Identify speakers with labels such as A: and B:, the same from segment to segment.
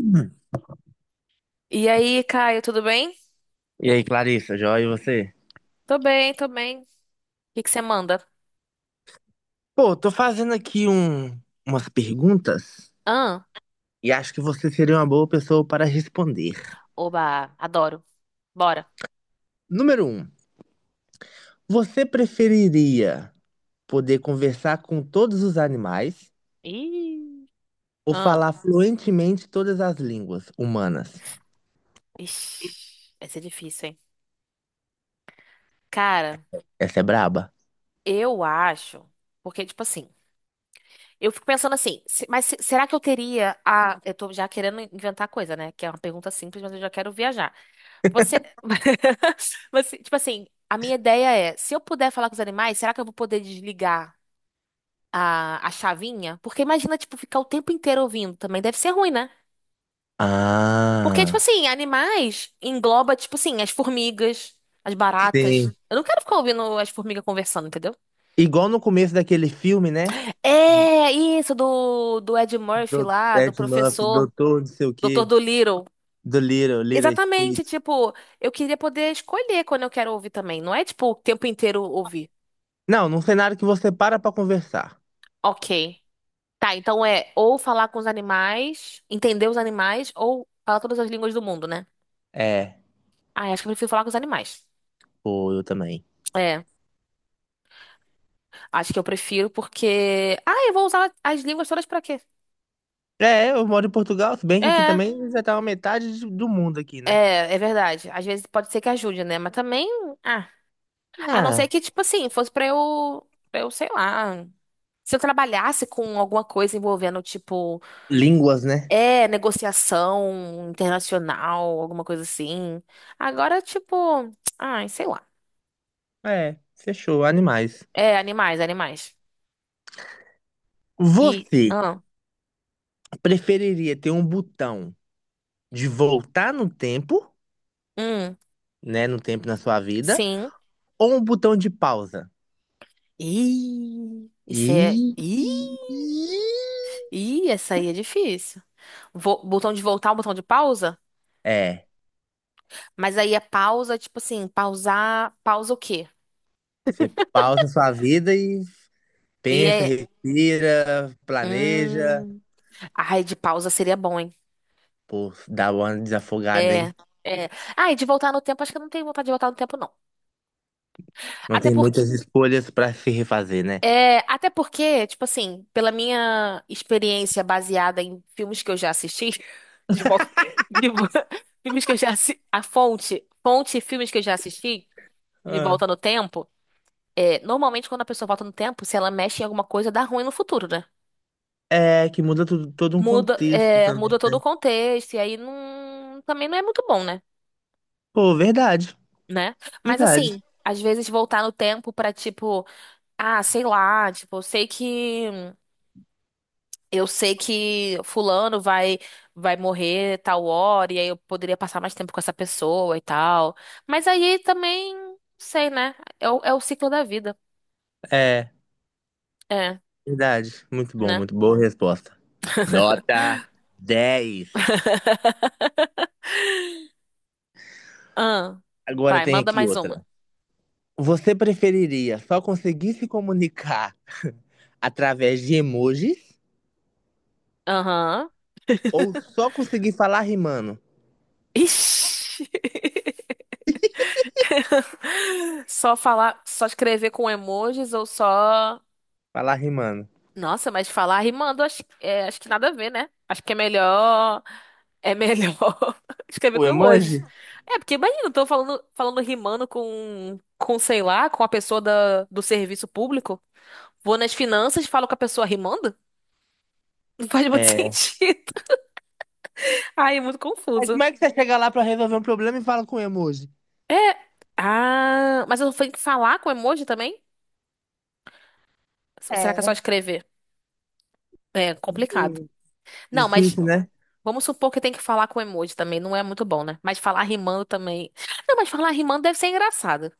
A: Hum.
B: E aí, Caio, tudo bem?
A: E aí, Clarissa, joia, e você?
B: Tô bem, tô bem. O que que você manda?
A: Pô, tô fazendo aqui umas perguntas
B: Ah,
A: e acho que você seria uma boa pessoa para responder.
B: oba, adoro. Bora.
A: Número um, você preferiria poder conversar com todos os animais
B: Ih,
A: ou
B: ah,
A: falar fluentemente todas as línguas humanas?
B: ixi, vai ser difícil, hein? Cara,
A: Essa é braba?
B: eu acho, porque, tipo assim, eu fico pensando assim, será que eu teria a... Eu tô já querendo inventar coisa, né? Que é uma pergunta simples, mas eu já quero viajar. Você, você, tipo assim, a minha ideia é, se eu puder falar com os animais, será que eu vou poder desligar a chavinha, porque imagina, tipo, ficar o tempo inteiro ouvindo também deve ser ruim, né? Porque, tipo
A: Ah,
B: assim, animais engloba, tipo assim, as formigas, as baratas.
A: sim.
B: Eu não quero ficar ouvindo as formigas conversando, entendeu?
A: Igual no começo daquele filme, né?
B: É, isso, do Ed Murphy
A: Do
B: lá, do
A: Ed Murphy,
B: professor,
A: Doutor, não sei o
B: Doutor
A: quê,
B: Dolittle.
A: do Little, Little
B: Exatamente,
A: Street.
B: tipo, eu queria poder escolher quando eu quero ouvir também. Não é, tipo, o tempo inteiro ouvir.
A: Não, num cenário que você para pra conversar.
B: Ok. Tá, então é ou falar com os animais, entender os animais, ou falar todas as línguas do mundo, né?
A: É.
B: Ah, acho que eu prefiro falar com os animais.
A: Pô, eu também.
B: É, acho que eu prefiro porque. Ah, eu vou usar as línguas todas pra quê?
A: É, eu moro em Portugal, se bem que aqui
B: É,
A: também já tava metade do mundo aqui, né?
B: é verdade. Às vezes pode ser que ajude, né? Mas também. Ah, a não ser
A: Ah,
B: que, tipo assim, fosse pra eu. Pra eu, sei lá. Se eu trabalhasse com alguma coisa envolvendo, tipo,
A: línguas, né?
B: é, negociação internacional, alguma coisa assim. Agora, tipo. Ai, sei lá.
A: É, fechou, animais.
B: É, animais, animais. E.
A: Você
B: Ah,
A: preferiria ter um botão de voltar no tempo,
B: hum,
A: né, no tempo na sua vida,
B: sim.
A: ou um botão de pausa?
B: Ih, isso é.
A: E
B: Ih! Ih, essa aí é difícil. Botão de voltar, o botão de pausa?
A: é,
B: Mas aí é pausa, tipo assim, pausar, pausa o quê?
A: você pausa sua vida e
B: E
A: pensa,
B: é.
A: respira, planeja.
B: Hum. Ai, de pausa seria bom, hein?
A: Pô, dá uma desafogada,
B: É,
A: hein?
B: é. Ai, de voltar no tempo, acho que eu não tenho vontade de voltar no tempo, não.
A: Não
B: Até
A: tem
B: porque.
A: muitas escolhas pra se refazer, né?
B: É, até porque, tipo assim, pela minha experiência baseada em filmes que eu já assisti, de volta. De vo- filmes que eu já assisti. A fonte, fonte e filmes que eu já assisti, de
A: Ah.
B: volta no tempo. É, normalmente, quando a pessoa volta no tempo, se ela mexe em alguma coisa, dá ruim no futuro, né?
A: É, que muda tudo, todo um
B: Muda,
A: contexto
B: é, muda
A: também,
B: todo o
A: né?
B: contexto, e aí não, também não é muito bom, né?
A: Pô, verdade,
B: Né? Mas
A: verdade.
B: assim, às vezes voltar no tempo pra tipo, ah, sei lá, tipo, eu sei que fulano vai morrer tal hora, e aí eu poderia passar mais tempo com essa pessoa e tal. Mas aí também, sei, né? É o ciclo da vida.
A: É,
B: É,
A: verdade. Muito bom,
B: né?
A: muito boa resposta. Nota 10.
B: Ah,
A: Agora
B: vai,
A: tem
B: manda
A: aqui
B: mais uma.
A: outra. Você preferiria só conseguir se comunicar através de emojis
B: Aham.
A: ou só conseguir falar rimando?
B: Ixi. Só falar, só escrever com emojis ou só.
A: Falar rimando.
B: Nossa, mas falar rimando, acho, é, acho que nada a ver, né? Acho que é melhor. É melhor escrever
A: O
B: com emojis.
A: emoji?
B: É, porque imagina, eu tô falando, falando rimando com, sei lá, com a pessoa da, do serviço público. Vou nas finanças, e falo com a pessoa rimando? Não faz muito
A: É.
B: sentido. Ai, é muito
A: Mas
B: confuso.
A: como é que você chega lá pra resolver um problema e fala com emoji?
B: É. Ah, mas eu tenho que falar com emoji também? Ou será que é só
A: É.
B: escrever? É complicado.
A: Hum,
B: Não, mas
A: difícil, né?
B: vamos supor que tem que falar com emoji também, não é muito bom, né? Mas falar rimando também. Não, mas falar rimando deve ser engraçado.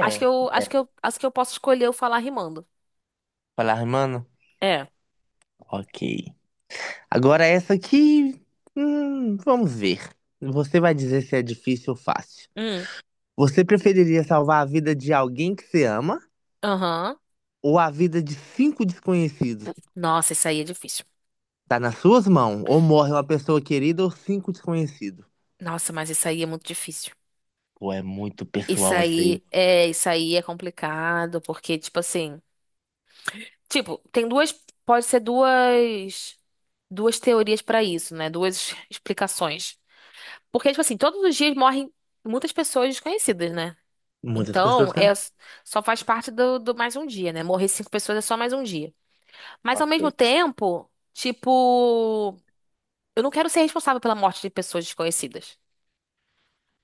A: É.
B: Acho que eu posso escolher o falar rimando.
A: Falar rimando?
B: É.
A: Ok. Agora essa aqui, vamos ver. Você vai dizer se é difícil ou fácil.
B: Hum.
A: Você preferiria salvar a vida de alguém que você ama
B: Aham.
A: ou a vida de cinco desconhecidos?
B: Nossa, isso aí é difícil.
A: Tá nas suas mãos. Ou morre uma pessoa querida ou cinco desconhecidos.
B: Nossa, mas isso aí é muito difícil.
A: Pô, é muito pessoal isso aí.
B: Isso aí é complicado, porque tipo assim, tipo, tem duas, pode ser duas, duas teorias pra isso, né? Duas explicações. Porque tipo assim, todos os dias morrem muitas pessoas desconhecidas, né?
A: Muitas
B: Então,
A: pessoas.
B: é, só faz parte do mais um dia, né? Morrer cinco pessoas é só mais um dia. Mas ao
A: Ok.
B: mesmo tempo, tipo, eu não quero ser responsável pela morte de pessoas desconhecidas.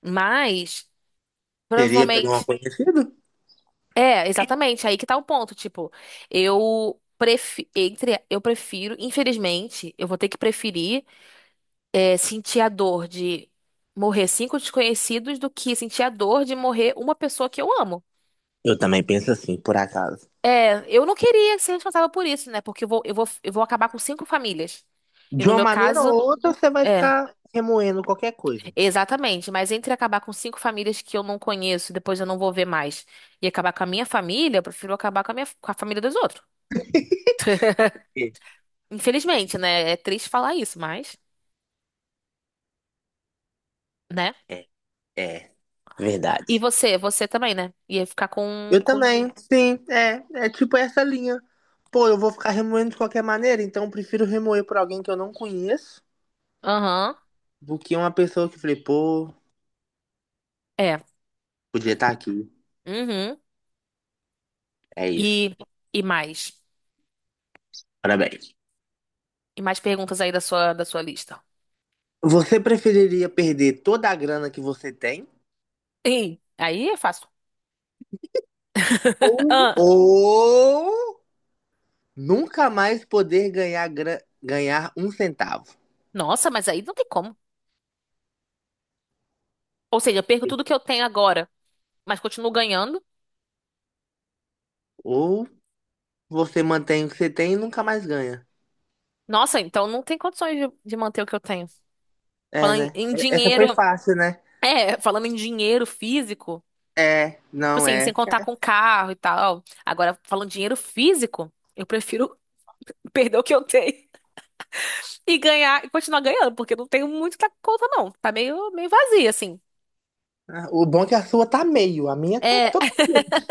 B: Mas,
A: Seria por um
B: provavelmente.
A: conhecido?
B: É, exatamente, aí que tá o ponto. Tipo, eu prefiro, infelizmente, eu vou ter que preferir é, sentir a dor de morrer cinco desconhecidos do que sentir a dor de morrer uma pessoa que eu amo.
A: Eu também penso assim, por acaso.
B: É, eu não queria ser responsável por isso, né? Porque eu vou acabar com cinco famílias. E
A: De
B: no
A: uma
B: meu
A: maneira ou
B: caso,
A: outra, você vai
B: é,
A: ficar remoendo qualquer coisa.
B: exatamente. Mas entre acabar com cinco famílias que eu não conheço, depois eu não vou ver mais, e acabar com a minha família, eu prefiro acabar com a minha, com a família dos outros.
A: É,
B: Infelizmente, né? É triste falar isso, mas, né?
A: é, é,
B: E
A: verdade.
B: você, você também, né? Ia ficar com,
A: Eu
B: com...
A: também, sim, é, tipo essa linha. Pô, eu vou ficar remoendo de qualquer maneira, então eu prefiro remoer por alguém que eu não conheço
B: Aham,
A: do que uma pessoa que eu falei, pô,
B: é.
A: podia estar aqui.
B: Uhum.
A: É isso.
B: E, e mais.
A: Parabéns.
B: E mais perguntas aí da sua lista.
A: Você preferiria perder toda a grana que você tem
B: Ih, aí é fácil.
A: ou,
B: Ah,
A: ou nunca mais poder ganhar, ganhar um centavo?
B: nossa, mas aí não tem como. Ou seja, eu perco tudo que eu tenho agora, mas continuo ganhando.
A: Ou você mantém o que você tem e nunca mais ganha.
B: Nossa, então não tem condições de manter o que eu tenho.
A: É,
B: Falando em,
A: né?
B: em
A: Essa
B: dinheiro,
A: foi fácil, né?
B: é, falando em dinheiro físico,
A: É,
B: tipo
A: não
B: assim, sem
A: é.
B: contar com carro e tal. Agora, falando em dinheiro físico, eu prefiro perder o que eu tenho e ganhar e continuar ganhando, porque não tenho muito na conta, não. Tá meio, meio vazia, assim.
A: Ah, o bom é que a sua tá meio, a minha tá
B: É,
A: totalmente.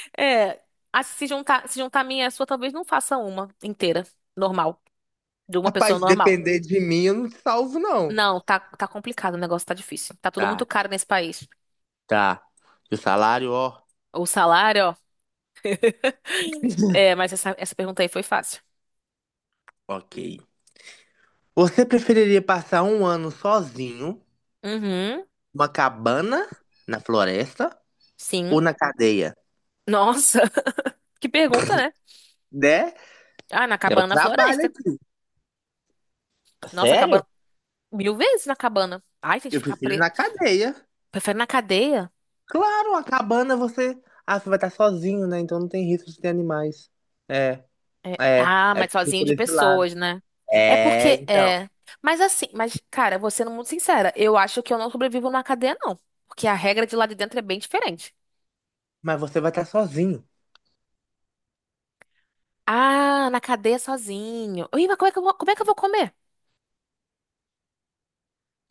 B: é. Ah, se juntar a minha e a sua, talvez não faça uma inteira, normal, de uma pessoa
A: Rapaz, se
B: normal.
A: depender de mim, eu não te salvo, não.
B: Não, tá, tá complicado, o negócio tá difícil. Tá tudo muito
A: Tá,
B: caro nesse país.
A: tá. E o salário, ó.
B: O salário, ó. É, mas essa pergunta aí foi fácil.
A: Ok. Você preferiria passar um ano sozinho,
B: Uhum,
A: numa cabana, na floresta ou
B: sim.
A: na cadeia?
B: Nossa, que pergunta, né?
A: Né?
B: Ah, na
A: Eu
B: cabana na
A: trabalho
B: floresta.
A: aqui.
B: Nossa,
A: Sério?
B: cabana. Mil vezes na cabana. Ai, tem que
A: Eu
B: ficar
A: prefiro
B: preso.
A: na cadeia.
B: Prefere na cadeia?
A: Claro, a cabana você. Ah, você vai estar sozinho, né? Então não tem risco de ter animais. É, é.
B: Ah,
A: É
B: mas sozinho
A: por
B: de
A: esse lado.
B: pessoas, né? É
A: É,
B: porque,
A: então.
B: é. Mas assim, mas, cara, vou sendo muito sincera, eu acho que eu não sobrevivo na cadeia, não. Porque a regra de lá de dentro é bem diferente.
A: Mas você vai estar sozinho.
B: Ah, na cadeia sozinho. Ih, mas como é que eu vou, como é que eu vou comer?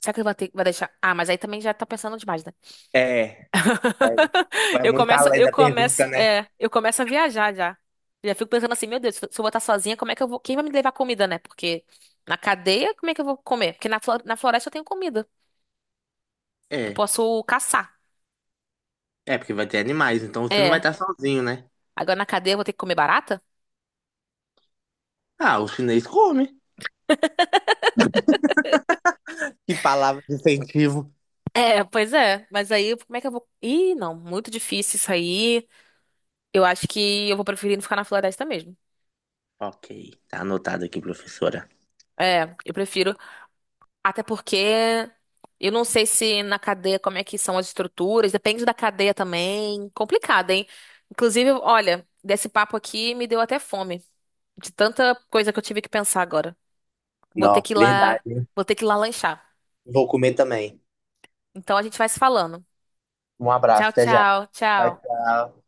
B: Será que ele vai ter, vai deixar? Ah, mas aí também já tá pensando demais, né?
A: É, é. Vai muito além da pergunta, né?
B: É, eu começo a viajar já. Já fico pensando assim, meu Deus, se eu botar sozinha, como é que eu vou? Quem vai me levar comida, né? Porque na cadeia, como é que eu vou comer? Porque na floresta eu tenho comida. Eu
A: É.
B: posso caçar.
A: É, porque vai ter animais, então você não vai
B: É.
A: estar sozinho, né?
B: Agora na cadeia eu vou ter que comer barata?
A: Ah, o chinês come. Que palavra de incentivo.
B: É, pois é. Mas aí, como é que eu vou? Ih, não, muito difícil isso aí. Eu acho que eu vou preferir não ficar na floresta mesmo.
A: Ok, tá anotado aqui, professora.
B: É, eu prefiro. Até porque eu não sei se na cadeia como é que são as estruturas, depende da cadeia também. Complicado, hein? Inclusive, olha, desse papo aqui me deu até fome, de tanta coisa que eu tive que pensar agora. Vou ter
A: Não,
B: que ir lá,
A: verdade.
B: Vou ter que ir lá lanchar.
A: Vou comer também.
B: Então a gente vai se falando.
A: Um
B: Tchau,
A: abraço, até já.
B: tchau,
A: Tchau,
B: tchau.
A: tchau.